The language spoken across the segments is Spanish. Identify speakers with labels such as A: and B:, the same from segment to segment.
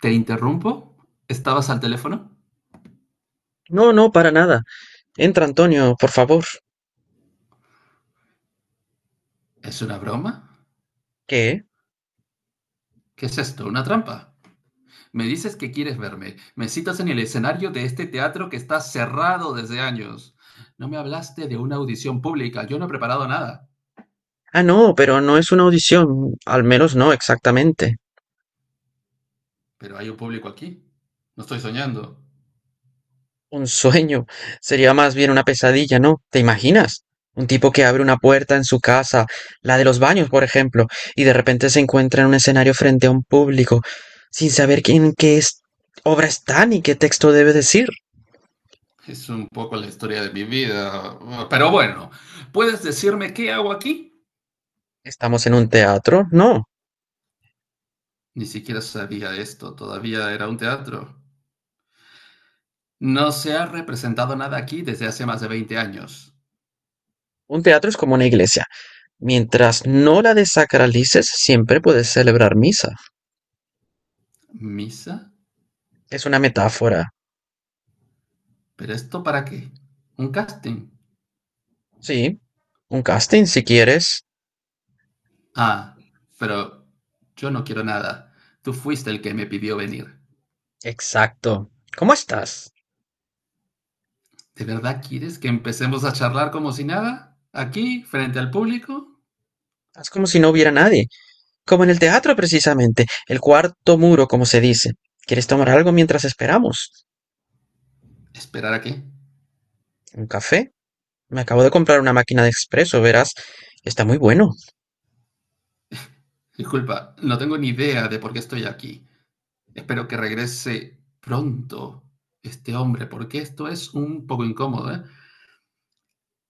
A: ¿Te interrumpo? ¿Estabas al teléfono?
B: No, no, para nada. Entra, Antonio, por favor.
A: ¿Es una broma?
B: ¿Qué?
A: ¿Qué es esto? ¿Una trampa? Me dices que quieres verme. Me citas en el escenario de este teatro que está cerrado desde años. No me hablaste de una audición pública. Yo no he preparado nada.
B: Ah, no, pero no es una audición. Al menos no exactamente.
A: Pero hay un público aquí. No estoy soñando.
B: Un sueño. Sería más bien una pesadilla, ¿no? ¿Te imaginas? Un tipo que abre una puerta en su casa, la de los baños, por ejemplo, y de repente se encuentra en un escenario frente a un público, sin saber quién qué es, obra está ni qué texto debe decir.
A: Es un poco la historia de mi vida. Pero bueno, ¿puedes decirme qué hago aquí?
B: ¿Estamos en un teatro? No.
A: Ni siquiera sabía esto. Todavía era un teatro. No se ha representado nada aquí desde hace más de 20 años.
B: Un teatro es como una iglesia. Mientras no la desacralices, siempre puedes celebrar misa.
A: ¿Misa?
B: Es una metáfora.
A: ¿Pero esto para qué? ¿Un casting?
B: Sí, un casting si quieres.
A: Ah, pero yo no quiero nada. Tú fuiste el que me pidió venir.
B: Exacto. ¿Cómo estás?
A: ¿De verdad quieres que empecemos a charlar como si nada? ¿Aquí, frente al público?
B: Haz como si no hubiera nadie, como en el teatro precisamente, el cuarto muro, como se dice. ¿Quieres tomar algo mientras esperamos?
A: ¿Esperar a qué?
B: ¿Un café? Me acabo de comprar una máquina de expreso, verás. Está muy bueno.
A: Disculpa, no tengo ni idea de por qué estoy aquí. Espero que regrese pronto este hombre, porque esto es un poco incómodo, ¿eh?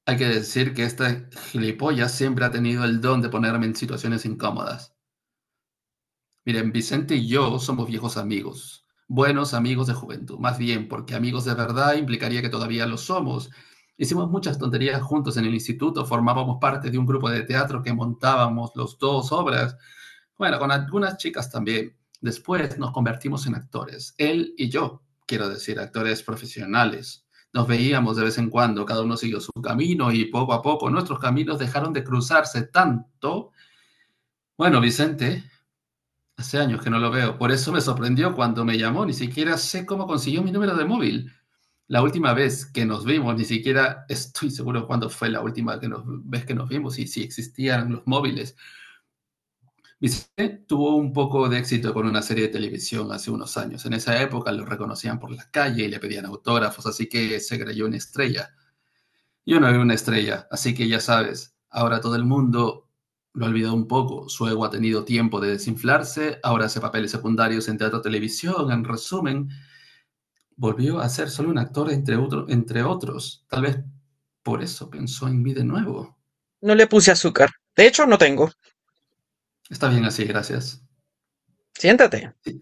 A: Hay que decir que esta gilipollas siempre ha tenido el don de ponerme en situaciones incómodas. Miren, Vicente y yo somos viejos amigos, buenos amigos de juventud, más bien, porque amigos de verdad implicaría que todavía lo somos. Hicimos muchas tonterías juntos en el instituto, formábamos parte de un grupo de teatro que montábamos los dos obras, bueno, con algunas chicas también. Después nos convertimos en actores, él y yo, quiero decir, actores profesionales. Nos veíamos de vez en cuando, cada uno siguió su camino y poco a poco nuestros caminos dejaron de cruzarse tanto. Bueno, Vicente, hace años que no lo veo. Por eso me sorprendió cuando me llamó. Ni siquiera sé cómo consiguió mi número de móvil. La última vez que nos vimos, ni siquiera estoy seguro cuándo fue la última que nos- vez que nos vimos y si existían los móviles. Vicente tuvo un poco de éxito con una serie de televisión hace unos años. En esa época lo reconocían por la calle y le pedían autógrafos, así que se creyó una estrella. Yo no era una estrella, así que ya sabes, ahora todo el mundo lo ha olvidado un poco. Su ego ha tenido tiempo de desinflarse, ahora hace papeles secundarios en teatro, televisión, en resumen, volvió a ser solo un actor entre otros. Tal vez por eso pensó en mí de nuevo.
B: No le puse azúcar. De hecho, no tengo.
A: Está bien así, gracias.
B: Siéntate.
A: Sí,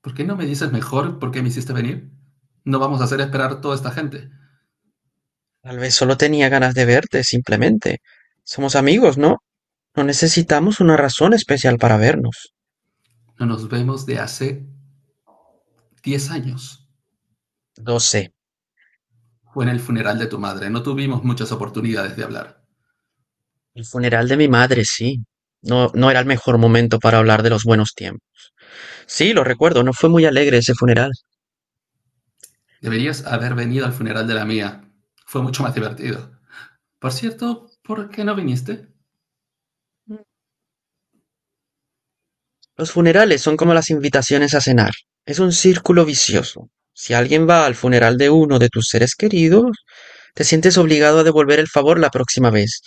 A: ¿por qué no me dices mejor por qué me hiciste venir? No vamos a hacer esperar toda esta gente.
B: Tal vez solo tenía ganas de verte, simplemente. Somos amigos, ¿no? No necesitamos una razón especial para vernos.
A: No nos vemos de hace 10 años.
B: Lo sé.
A: Fue en el funeral de tu madre, no tuvimos muchas oportunidades de hablar.
B: El funeral de mi madre, sí. No, no era el mejor momento para hablar de los buenos tiempos. Sí, lo recuerdo, no fue muy alegre ese funeral.
A: Deberías haber venido al funeral de la mía. Fue mucho más divertido. Por cierto, ¿por qué no viniste?
B: Los funerales son como las invitaciones a cenar. Es un círculo vicioso. Si alguien va al funeral de uno de tus seres queridos, te sientes obligado a devolver el favor la próxima vez.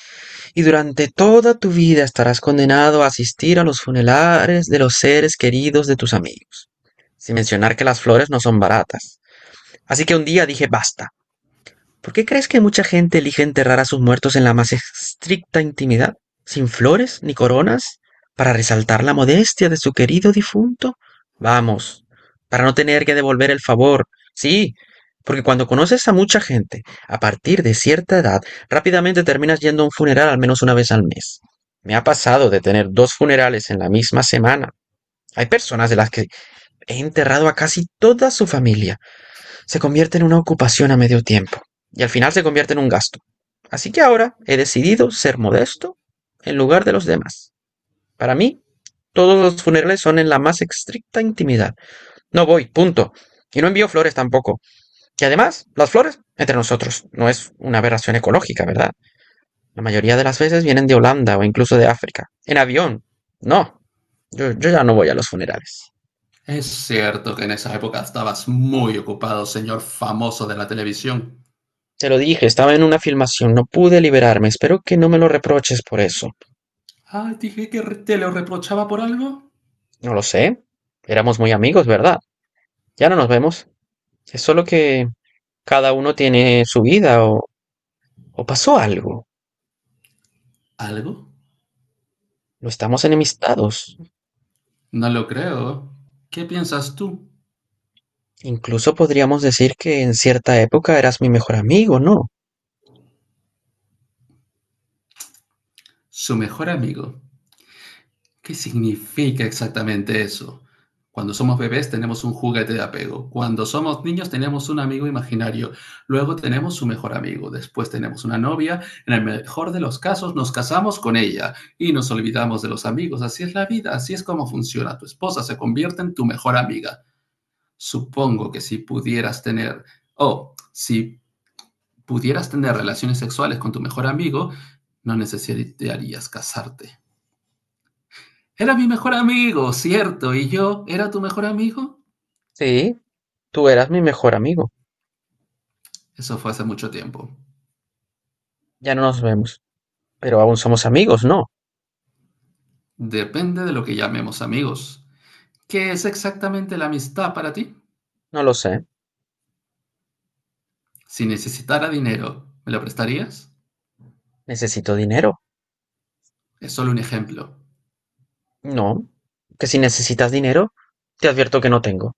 B: Y durante toda tu vida estarás condenado a asistir a los funerales de los seres queridos de tus amigos. Sin mencionar que las flores no son baratas. Así que un día dije basta. ¿Por qué crees que mucha gente elige enterrar a sus muertos en la más estricta intimidad, sin flores ni coronas, para resaltar la modestia de su querido difunto? Vamos, para no tener que devolver el favor. Sí, porque cuando conoces a mucha gente, a partir de cierta edad, rápidamente terminas yendo a un funeral al menos una vez al mes. Me ha pasado de tener dos funerales en la misma semana. Hay personas de las que he enterrado a casi toda su familia se convierte en una ocupación a medio tiempo y al final se convierte en un gasto. Así que ahora he decidido ser modesto en lugar de los demás. Para mí, todos los funerales son en la más estricta intimidad. No voy, punto. Y no envío flores tampoco. Y además, las flores, entre nosotros, no es una aberración ecológica, ¿verdad? La mayoría de las veces vienen de Holanda o incluso de África. En avión. No, yo ya no voy a los funerales.
A: Es cierto que en esa época estabas muy ocupado, señor famoso de la televisión.
B: Te lo dije, estaba en una filmación, no pude liberarme. Espero que no me lo reproches por eso.
A: Ah, dije que te lo reprochaba por algo.
B: No lo sé. Éramos muy amigos, ¿verdad? Ya no nos vemos. Es solo que cada uno tiene su vida o pasó algo.
A: ¿Algo?
B: No estamos enemistados.
A: No lo creo. ¿Qué piensas tú?
B: Incluso podríamos decir que en cierta época eras mi mejor amigo, ¿no?
A: Su mejor amigo, ¿qué significa exactamente eso? Cuando somos bebés tenemos un juguete de apego. Cuando somos niños tenemos un amigo imaginario. Luego tenemos su mejor amigo. Después tenemos una novia. En el mejor de los casos nos casamos con ella y nos olvidamos de los amigos. Así es la vida, así es como funciona. Tu esposa se convierte en tu mejor amiga. Supongo que si pudieras tener, o si pudieras tener relaciones sexuales con tu mejor amigo, no necesitarías casarte. Era mi mejor amigo, cierto, y yo era tu mejor amigo.
B: Sí, tú eras mi mejor amigo.
A: Eso fue hace mucho tiempo.
B: Ya no nos vemos. Pero aún somos amigos, ¿no?
A: Depende de lo que llamemos amigos. ¿Qué es exactamente la amistad para ti?
B: No lo sé.
A: Si necesitara dinero, ¿me lo prestarías?
B: Necesito dinero.
A: Es solo un ejemplo.
B: No. Que si necesitas dinero, te advierto que no tengo.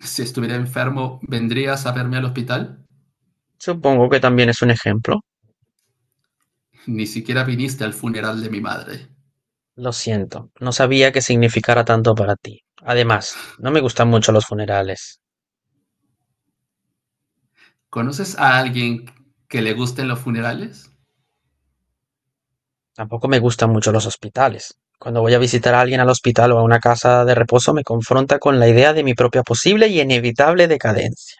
A: Si estuviera enfermo, ¿vendrías a verme al hospital?
B: Supongo que también es un ejemplo.
A: Ni siquiera viniste al funeral de mi madre.
B: Lo siento, no sabía que significara tanto para ti. Además, no me gustan mucho los funerales.
A: ¿Conoces a alguien que le gusten los funerales?
B: Tampoco me gustan mucho los hospitales. Cuando voy a visitar a alguien al hospital o a una casa de reposo me confronta con la idea de mi propia posible y inevitable decadencia.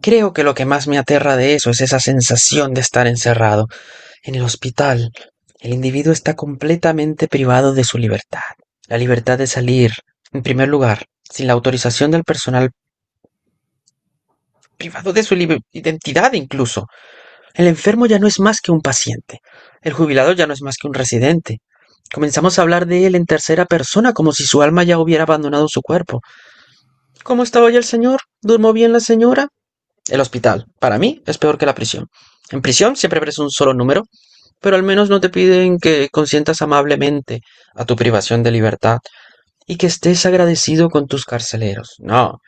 B: Creo que lo que más me aterra de eso es esa sensación de estar encerrado. En el hospital, el individuo está completamente privado de su libertad. La libertad de salir, en primer lugar, sin la autorización del personal, privado de su identidad incluso. El enfermo ya no es más que un paciente. El jubilado ya no es más que un residente. Comenzamos a hablar de él en tercera persona, como si su alma ya hubiera abandonado su cuerpo. ¿Cómo está hoy el señor? ¿Durmó bien la señora? El hospital, para mí, es peor que la prisión. En prisión siempre ves un solo número, pero al menos no te piden que consientas amablemente a tu privación de libertad y que estés agradecido con tus carceleros. No,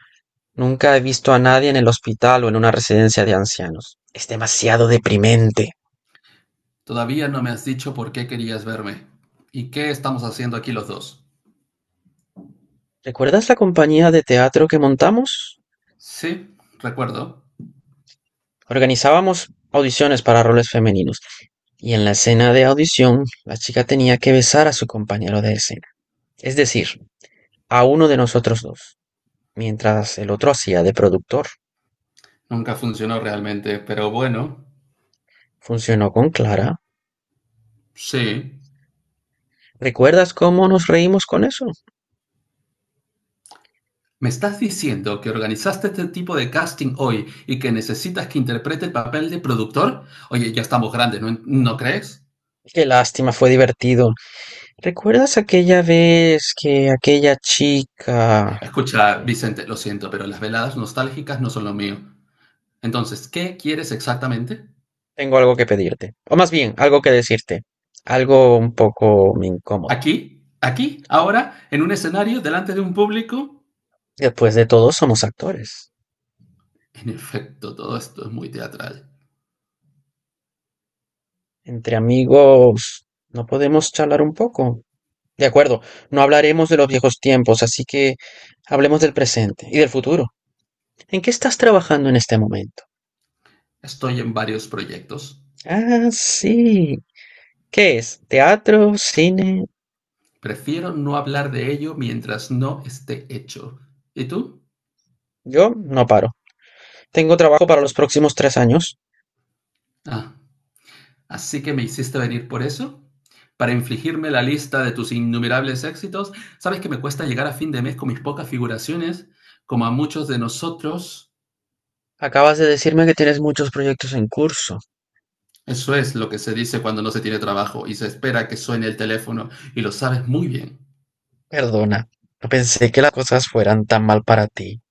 B: nunca he visto a nadie en el hospital o en una residencia de ancianos. Es demasiado deprimente.
A: Todavía no me has dicho por qué querías verme. ¿Y qué estamos haciendo aquí los dos?
B: ¿Recuerdas la compañía de teatro que montamos?
A: Sí, recuerdo.
B: Organizábamos audiciones para roles femeninos y en la escena de audición la chica tenía que besar a su compañero de escena, es decir, a uno de nosotros dos, mientras el otro hacía de productor.
A: Nunca funcionó realmente, pero bueno,
B: Funcionó con Clara.
A: sí.
B: ¿Recuerdas cómo nos reímos con eso?
A: ¿Me estás diciendo que organizaste este tipo de casting hoy y que necesitas que interprete el papel de productor? Oye, ya estamos grandes, ¿no crees?
B: Qué lástima, fue divertido. ¿Recuerdas aquella vez que aquella chica.
A: Escucha,
B: Eh,
A: Vicente, lo siento, pero las veladas nostálgicas no son lo mío. Entonces, ¿qué quieres exactamente?
B: Tengo algo que pedirte, o más bien, algo que decirte, algo un poco incómodo.
A: ¿Aquí? ¿Aquí? ¿Ahora? ¿En un escenario? ¿Delante de un público?
B: Después de todo, somos actores.
A: En efecto, todo esto es muy teatral.
B: Entre amigos, ¿no podemos charlar un poco? De acuerdo, no hablaremos de los viejos tiempos, así que hablemos del presente y del futuro. ¿En qué estás trabajando en este momento?
A: Estoy en varios proyectos.
B: Ah, sí. ¿Qué es? ¿Teatro? ¿Cine?
A: Prefiero no hablar de ello mientras no esté hecho. ¿Y tú?
B: Yo no paro. Tengo trabajo para los próximos 3 años.
A: Ah, así que me hiciste venir por eso. Para infligirme la lista de tus innumerables éxitos, sabes que me cuesta llegar a fin de mes con mis pocas figuraciones, como a muchos de nosotros.
B: Acabas de decirme que tienes muchos proyectos en curso.
A: Eso es lo que se dice cuando no se tiene trabajo y se espera que suene el teléfono, y lo sabes muy bien.
B: Perdona, no pensé que las cosas fueran tan mal para ti.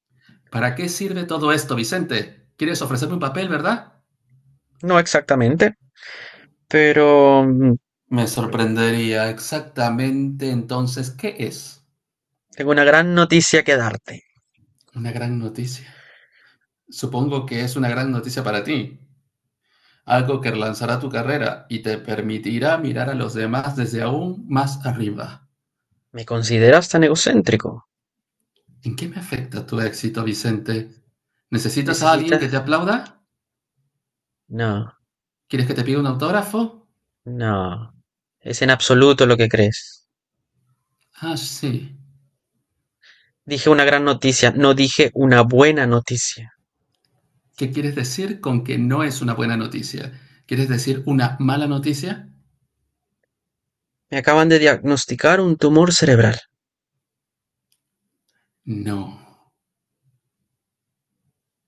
A: ¿Para qué sirve todo esto, Vicente? ¿Quieres ofrecerme un papel, verdad?
B: No exactamente, pero
A: Me sorprendería exactamente entonces qué es.
B: tengo una gran noticia que darte.
A: Una gran noticia. Supongo que es una gran noticia para ti, algo que relanzará tu carrera y te permitirá mirar a los demás desde aún más arriba.
B: ¿Me consideras tan egocéntrico?
A: ¿En qué me afecta tu éxito, Vicente? ¿Necesitas a alguien que te
B: ¿Necesitas?
A: aplauda?
B: No,
A: ¿Quieres que te pida un autógrafo?
B: no. Es en absoluto lo que crees.
A: Ah, sí.
B: Dije una gran noticia, no dije una buena noticia.
A: ¿Qué quieres decir con que no es una buena noticia? ¿Quieres decir una mala noticia?
B: Me acaban de diagnosticar un tumor cerebral.
A: No.